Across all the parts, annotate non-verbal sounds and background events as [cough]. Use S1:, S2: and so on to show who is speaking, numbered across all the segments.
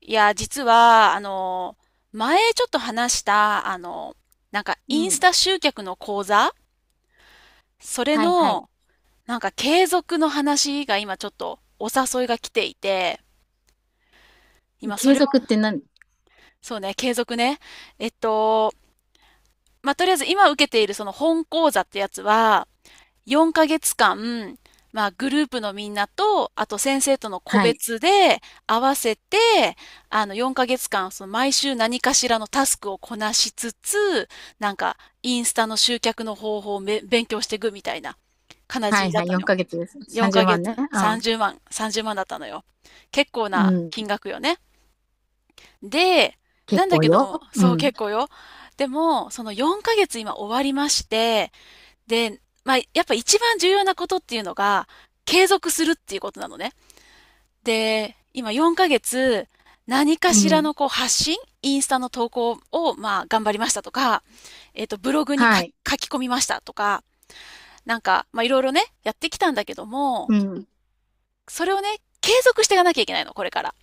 S1: いや、実は、前ちょっと話した、なんか
S2: う
S1: インス
S2: ん。
S1: タ集客の講座それ
S2: はいはい。
S1: の、なんか継続の話が今ちょっとお誘いが来ていて、今そ
S2: 継
S1: れ
S2: 続っ
S1: を、
S2: て何？
S1: そうね、継続ね。えっと、まあ、とりあえず今受けているその本講座ってやつは、4ヶ月間、まあグループのみんなと、あと先生との個
S2: はい。
S1: 別で合わせて、4ヶ月間、その毎週何かしらのタスクをこなしつつ、なんかインスタの集客の方法をめ勉強していくみたいな感
S2: は
S1: じ
S2: い
S1: だっ
S2: はい。
S1: たの
S2: 4
S1: よ。
S2: ヶ月です。
S1: 4
S2: 30
S1: ヶ
S2: 万
S1: 月、
S2: ね。
S1: 30万、30万だったのよ。結構
S2: うん。
S1: な
S2: う
S1: 金
S2: ん。
S1: 額よね。で、な
S2: 結
S1: んだ
S2: 構
S1: けど
S2: よ。
S1: も、
S2: う
S1: そう
S2: ん。
S1: 結構よ。でも、その4ヶ月今終わりまして、で、まあ、やっぱ一番重要なことっていうのが、継続するっていうことなのね。で、今4ヶ月、何か
S2: う
S1: しら
S2: ん。
S1: のこう発信、インスタの投稿を、まあ、頑張りましたとか、ブログに
S2: は
S1: 書き
S2: い。
S1: 書き込みましたとか、なんか、まあ、いろいろね、やってきたんだけども、
S2: うん。
S1: それをね、継続していかなきゃいけないの、これから。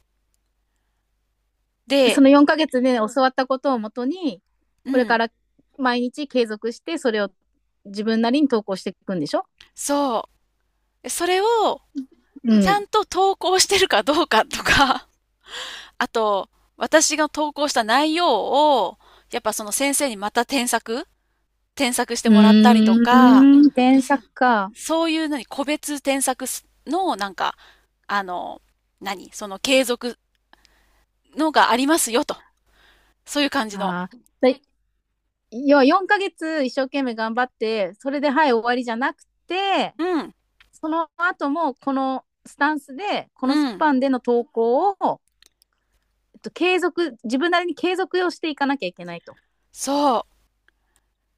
S1: で、
S2: その4ヶ月で教わったことをもとに、
S1: う
S2: これか
S1: ん、
S2: ら毎日継続して、それを自分なりに投稿していくんでしょ？
S1: そう。それを、
S2: う
S1: ちゃ
S2: ん。
S1: んと投稿してるかどうかとか、あと、私が投稿した内容を、やっぱその先生にまた添削して
S2: う
S1: もらったりとか、
S2: ーん。添削か。
S1: そういう何、個別添削のなんか、あの、何、その継続のがありますよと。そういう感じの。
S2: ああ。で、要は4ヶ月一生懸命頑張って、それではい、終わりじゃなくて、
S1: うん、
S2: その後もこのスタンスでこのス
S1: うん、
S2: パンでの投稿を、自分なりに継続をしていかなきゃいけないと。
S1: そう。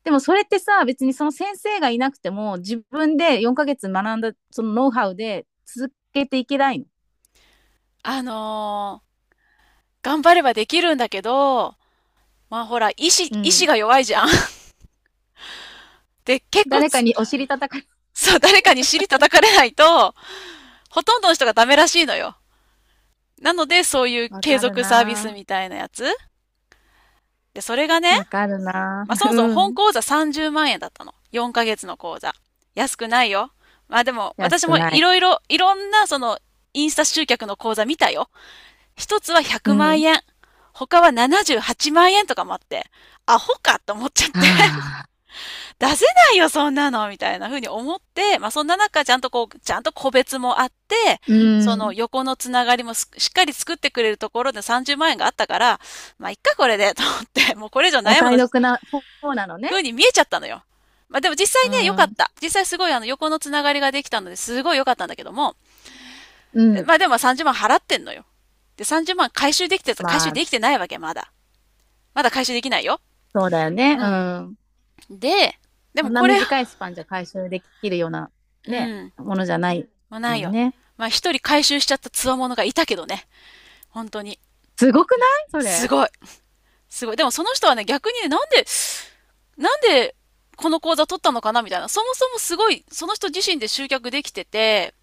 S2: でも、それってさ、別にその先生がいなくても自分で4ヶ月学んだそのノウハウで続けていけないの？
S1: あのー頑張ればできるんだけど、まあほら、意志、
S2: う
S1: 意
S2: ん。
S1: 志が弱いじゃん。[laughs] で、結構
S2: 誰か
S1: つ
S2: にお尻叩かれ、
S1: そう、誰かに尻叩かれないと、ほとんどの人がダメらしいのよ。なので、そういう
S2: わ
S1: 継
S2: かる
S1: 続サービス
S2: な
S1: みたいなやつ。で、それがね、
S2: ぁ、わかるな
S1: まあ、そ
S2: ぁ。
S1: もそも
S2: う
S1: 本
S2: ん。
S1: 講座30万円だったの。4ヶ月の講座。安くないよ。まあでも、
S2: 安
S1: 私
S2: く
S1: も
S2: な
S1: い
S2: い。
S1: ろいろ、いろんなその、インスタ集客の講座見たよ。一つは
S2: う
S1: 100万
S2: ん。
S1: 円。他は78万円とかもあって、アホかと思っちゃっ
S2: は
S1: て。
S2: あ。
S1: 出せないよ、そんなのみたいな風に思って、まあ、そんな中、ちゃんとこう、ちゃんと個別もあって、
S2: う
S1: その
S2: ん。
S1: 横のつながりもしっかり作ってくれるところで30万円があったから、まあ、いっか、これで、と思って、[laughs] もうこれ以上
S2: お
S1: 悩む
S2: 買い
S1: の、
S2: 得な方なのね。
S1: 風に見えちゃったのよ。まあ、でも実
S2: う
S1: 際ね、良かっ
S2: ん。
S1: た。実際すごい横のつながりができたので、すごい良かったんだけども、
S2: う
S1: ま
S2: ん。
S1: あ、でも30万払ってんのよ。で、30万回
S2: ま
S1: 収
S2: あ、
S1: できてないわけ、まだ。まだ回収できないよ。
S2: そうだよね。
S1: う
S2: う
S1: ん。
S2: ん。
S1: で、で
S2: そ
S1: も
S2: んな
S1: これ、
S2: 短いスパンじゃ回収できるような
S1: う
S2: ね、
S1: ん。
S2: ものじゃない
S1: まあな
S2: も
S1: い
S2: ん
S1: よ。
S2: ね。
S1: まあ一人回収しちゃった強者がいたけどね。本当に。
S2: すごくないそ
S1: す
S2: れ？
S1: ごい。すごい。でもその人はね、逆にね、なんでこの講座取ったのかなみたいな。そもそもすごい、その人自身で集客できてて、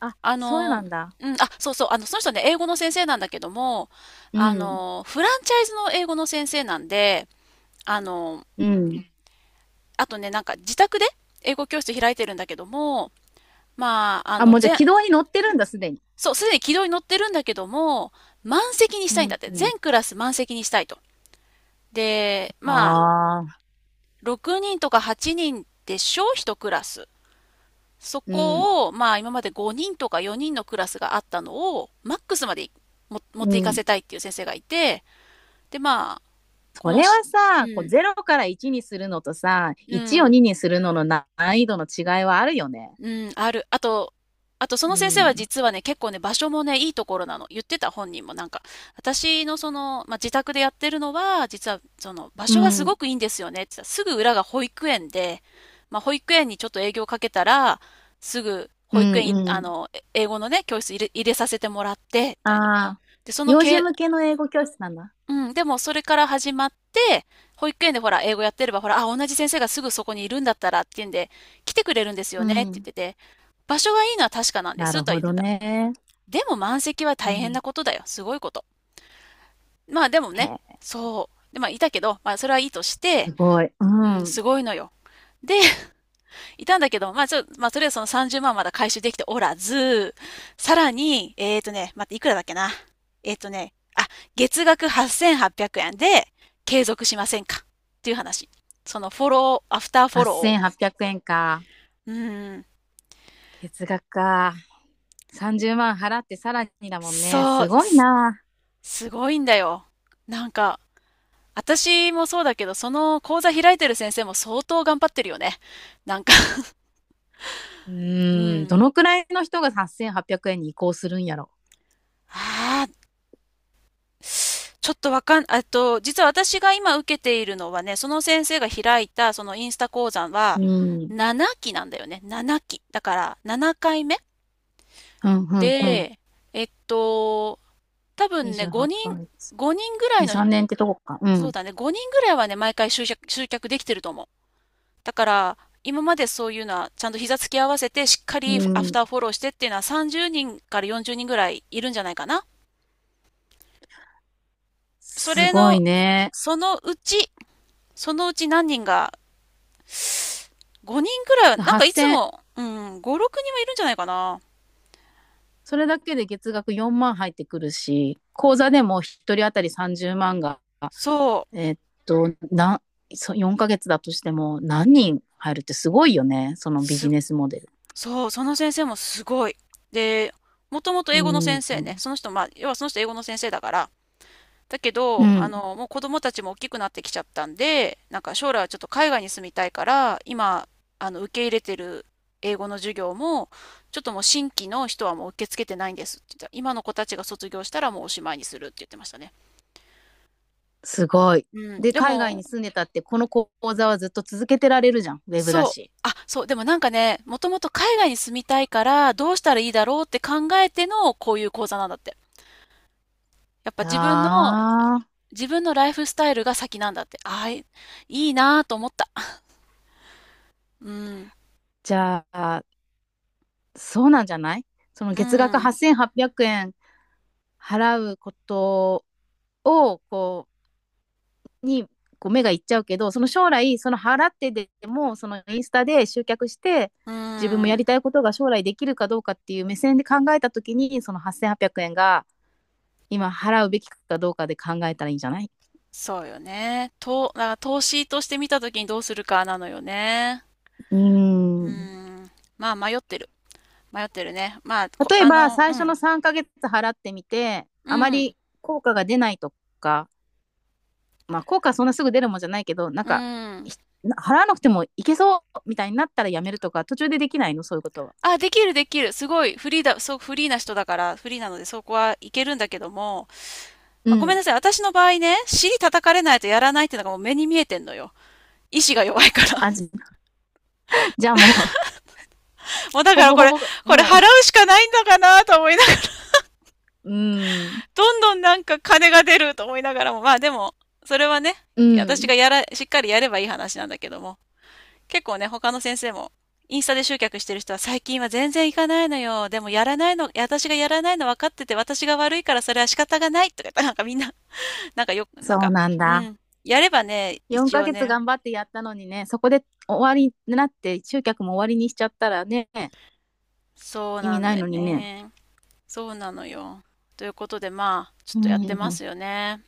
S2: あ、
S1: あ
S2: そうな
S1: の、
S2: んだ。
S1: うん、あ、そうそう、その人ね、英語の先生なんだけども、
S2: うん。
S1: フランチャイズの英語の先生なんで、あの、
S2: うん。
S1: あとね、なんか自宅で英語教室開いてるんだけども、まあ、
S2: あ、もうじゃあ軌道に乗ってるんだ、すでに。
S1: そう、すでに軌道に乗ってるんだけども、満席にし
S2: う
S1: たいんだっ
S2: ん。
S1: て。全クラス満席にしたいと。で、まあ、
S2: ああ、
S1: 6人とか8人でしょう、1クラス。そ
S2: うん。
S1: こを、まあ今まで5人とか4人のクラスがあったのを、マックスまでも持っ
S2: う
S1: ていかせ
S2: ん。
S1: たいっていう先生がいて、で、まあ、こ
S2: そ
S1: の
S2: れは
S1: し、う
S2: さ、こう
S1: ん、
S2: 0から1にするのとさ、
S1: う
S2: 1を
S1: ん、
S2: 2にするのの難易度の違いはあるよね。
S1: うん、ある。あと、あとそ
S2: う
S1: の先生は
S2: ん。
S1: 実はね、結構ね、場所もね、いいところなの。言ってた本人もなんか、私のその、まあ、自宅でやってるのは、実はその場
S2: う
S1: 所がすご
S2: ん。
S1: くいいんですよねって言ってた。すぐ裏が保育園で、まあ、保育園にちょっと営業かけたら、すぐ
S2: う
S1: 保育園い、
S2: んうん。
S1: え英語のね、教室入れ、入れさせてもらって、み
S2: あ
S1: たいな。
S2: あ、
S1: で、その
S2: 幼児
S1: け、
S2: 向けの英語教室なんだ。
S1: うん、でもそれから始まって、保育園でほら、英語やってれば、ほら、あ、同じ先生がすぐそこにいるんだったらっていうんで、来てくれるんですよ
S2: う
S1: ねって言っ
S2: ん。
S1: てて、場所がいいのは確かなんで
S2: な
S1: す
S2: る
S1: とは
S2: ほ
S1: 言って
S2: ど
S1: た。
S2: ね。
S1: でも満席は
S2: う
S1: 大
S2: ん、
S1: 変な
S2: へ
S1: ことだよ。すごいこと。まあでもね、
S2: え。
S1: そう。で、まあいたけど、まあそれはいいとして、
S2: すごい。う
S1: うん、
S2: ん。
S1: すごいのよ。で、いたんだけど、まあ、ちょ、まあ、とりあえずその30万まんまだ回収できておらず、さらに、待って、いくらだっけな。えーとね、あ、月額8800円で継続しませんかっていう話。そのフォロー、アフターフォローを。
S2: 8800円か。
S1: うーん、
S2: 月額か。30万払ってさらにだもんね。
S1: そ
S2: す
S1: う、
S2: ごい
S1: す、
S2: な。
S1: すごいんだよ。なんか、私もそうだけど、その講座開いてる先生も相当頑張ってるよね。なんか、
S2: う
S1: う
S2: ーん。
S1: ん。
S2: どのくらいの人が8800円に移行するんやろ。
S1: ああ、ちょっとわかん、実は私が今受けているのはね、その先生が開いたそのインスタ講座は
S2: うん。
S1: 7期なんだよね。7期。だから7回目
S2: うん、うん、うん。
S1: で、えっと、多分ね、
S2: 28 万。
S1: 5人ぐらい
S2: 2、
S1: の、
S2: 3年ってとこか。う
S1: そう
S2: ん。
S1: だね、5人ぐらいはね、毎回集客できてると思う。だから、今までそういうのは、ちゃんと膝つき合わせて、しっか
S2: う
S1: りアフ
S2: ん。
S1: ターフォローしてっていうのは30人から40人ぐらいいるんじゃないかな。そ
S2: す
S1: れ
S2: ごい
S1: の、
S2: ね。
S1: そのうち、そのうち何人が5人くらいは、なんかいつ
S2: 8000、
S1: も、うん、5、6人はいるんじゃないかな。
S2: それだけで月額4万入ってくるし、口座でも1人当たり30万が
S1: そう。
S2: えっと、な、4ヶ月だとしても何人入るってすごいよね。そのビ
S1: す、
S2: ジネスモデル。
S1: そう、その先生もすごい。で、もともと
S2: う
S1: 英語の先
S2: ん。
S1: 生ね。その人、まあ、要はその人英語の先生だから。だけ
S2: う
S1: ど、
S2: ん。
S1: もう子供たちも大きくなってきちゃったんで、なんか将来はちょっと海外に住みたいから、今、受け入れてる英語の授業も、ちょっともう新規の人はもう受け付けてないんですって言ってた。今の子たちが卒業したらもうおしまいにするって言ってましたね。
S2: すごい。
S1: うん。
S2: で、
S1: で
S2: 海外
S1: も、
S2: に住んでたって、この講座はずっと続けてられるじゃん。ウェブだ
S1: そう。
S2: し。
S1: あ、そう。でもなんかね、もともと海外に住みたいから、どうしたらいいだろうって考えての、こういう講座なんだって。やっぱ
S2: ああ、
S1: 自分のライフスタイルが先なんだって。ああ、いいいなぁと思った。うん。
S2: じゃあ、そうなんじゃない？その
S1: う
S2: 月額
S1: ん。
S2: 8800円払うことを、こう、にこう目がいっちゃうけど、その将来、その払ってでもそのインスタで集客して
S1: う
S2: 自分もやり
S1: ん。
S2: たいことが将来できるかどうかっていう目線で考えた時に、その8800円が今払うべきかどうかで考えたらいいんじゃない？
S1: そうよね。と、だから投資として見たときにどうするかなのよね。
S2: うー
S1: う
S2: ん。
S1: ん。まあ、迷ってる。迷ってるね。まあ、こ、
S2: 例えば最
S1: う
S2: 初の
S1: ん。
S2: 3ヶ月払ってみて
S1: う
S2: あま
S1: ん。
S2: り効果が出ないとか、まあ、効果はそんなすぐ出るもんじゃないけど、なん
S1: う
S2: か
S1: ん。
S2: 払わなくてもいけそうみたいになったらやめるとか、途中でできないの、そういうことは？
S1: あ、できる。すごいフリーだ、そう、フリーな人だから、フリーなのでそこはいけるんだけども、
S2: う
S1: まあ、ごめん
S2: ん。
S1: なさい。私の場合ね、尻叩かれないとやらないっていうのがもう目に見えてんのよ。意志が弱いから。
S2: あじじゃあもう
S1: [laughs] もうだ
S2: ほ
S1: から
S2: ぼ
S1: こ
S2: ほ
S1: れ、
S2: ぼ、
S1: これ
S2: も
S1: 払うしかないんだかなと思いながら、
S2: う、うん、
S1: [laughs] どんどんなんか金が出ると思いながらも、まあでも、それはね、
S2: う
S1: 私
S2: ん。
S1: がやら、しっかりやればいい話なんだけども。結構ね、他の先生も、インスタで集客してる人は最近は全然行かないのよ。でもやらないの、私がやらないの分かってて、私が悪いからそれは仕方がないとか言ったらなんかみんな、[laughs] なんかよく、なん
S2: そう
S1: か、
S2: なん
S1: う
S2: だ。
S1: ん。やればね、
S2: 4
S1: 一応
S2: ヶ月
S1: ね、
S2: 頑張ってやったのにね、そこで終わりになって、集客も終わりにしちゃったらね、
S1: そう
S2: 意
S1: な
S2: 味
S1: ん
S2: ない
S1: だよ
S2: のにね。
S1: ね。そうなのよ。ということで、まあ、ちょっ
S2: う
S1: とやってま
S2: ん。
S1: すよね。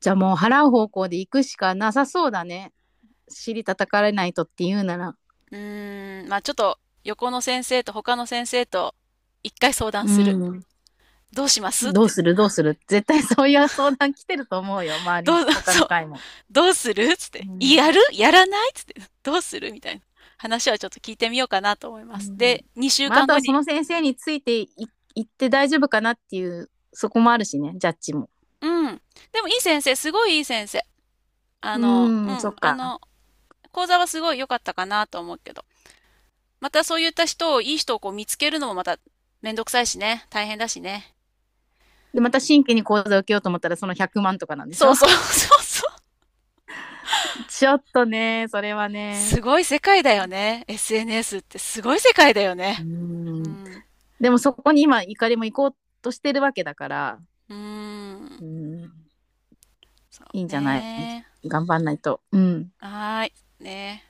S2: じゃあもう払う方向で行くしかなさそうだね。尻叩かれないとって言うなら。
S1: うーん、まあちょっと、横の先生と他の先生と、一回相談
S2: う
S1: する。
S2: ん。
S1: どうしますっ
S2: どう
S1: て。
S2: するどうする絶対 [laughs] そういう相談来てると思うよ。周
S1: ど
S2: り、
S1: う、[laughs]
S2: 他
S1: そ
S2: の
S1: う。
S2: 会も。
S1: どうするつっ
S2: う
S1: て。
S2: ん。
S1: やるやらないどうするみたいな話はちょっと聞いてみようかなと思いま
S2: う
S1: す。
S2: ん。
S1: で、2週
S2: まあ、あ
S1: 間
S2: と
S1: 後
S2: は
S1: に。
S2: その先生についてい行って大丈夫かなっていう、そこもあるしね、ジャッジも。
S1: うん。でもいい先生、すごいいい先生。
S2: うー
S1: う
S2: ん、そ
S1: ん。
S2: っか。
S1: 講座はすごい良かったかなと思うけど。またそういった人を、いい人をこう見つけるのもまためんどくさいしね。大変だしね。
S2: で、また新規に講座を受けようと思ったら、その100万とかなんでし
S1: そ
S2: ょ？
S1: うそう
S2: [laughs]
S1: [laughs] そうそう。
S2: ちょっとね、それはね。
S1: すごい世界だよね。SNS ってすごい世界だよ
S2: うー
S1: ね。う
S2: ん。
S1: ん。
S2: でもそこに今、怒りも行こうとしてるわけだから、
S1: うーん。
S2: うん、
S1: そう
S2: いいんじゃない？
S1: ね。
S2: 頑張んないと。うん。
S1: はーい。ね。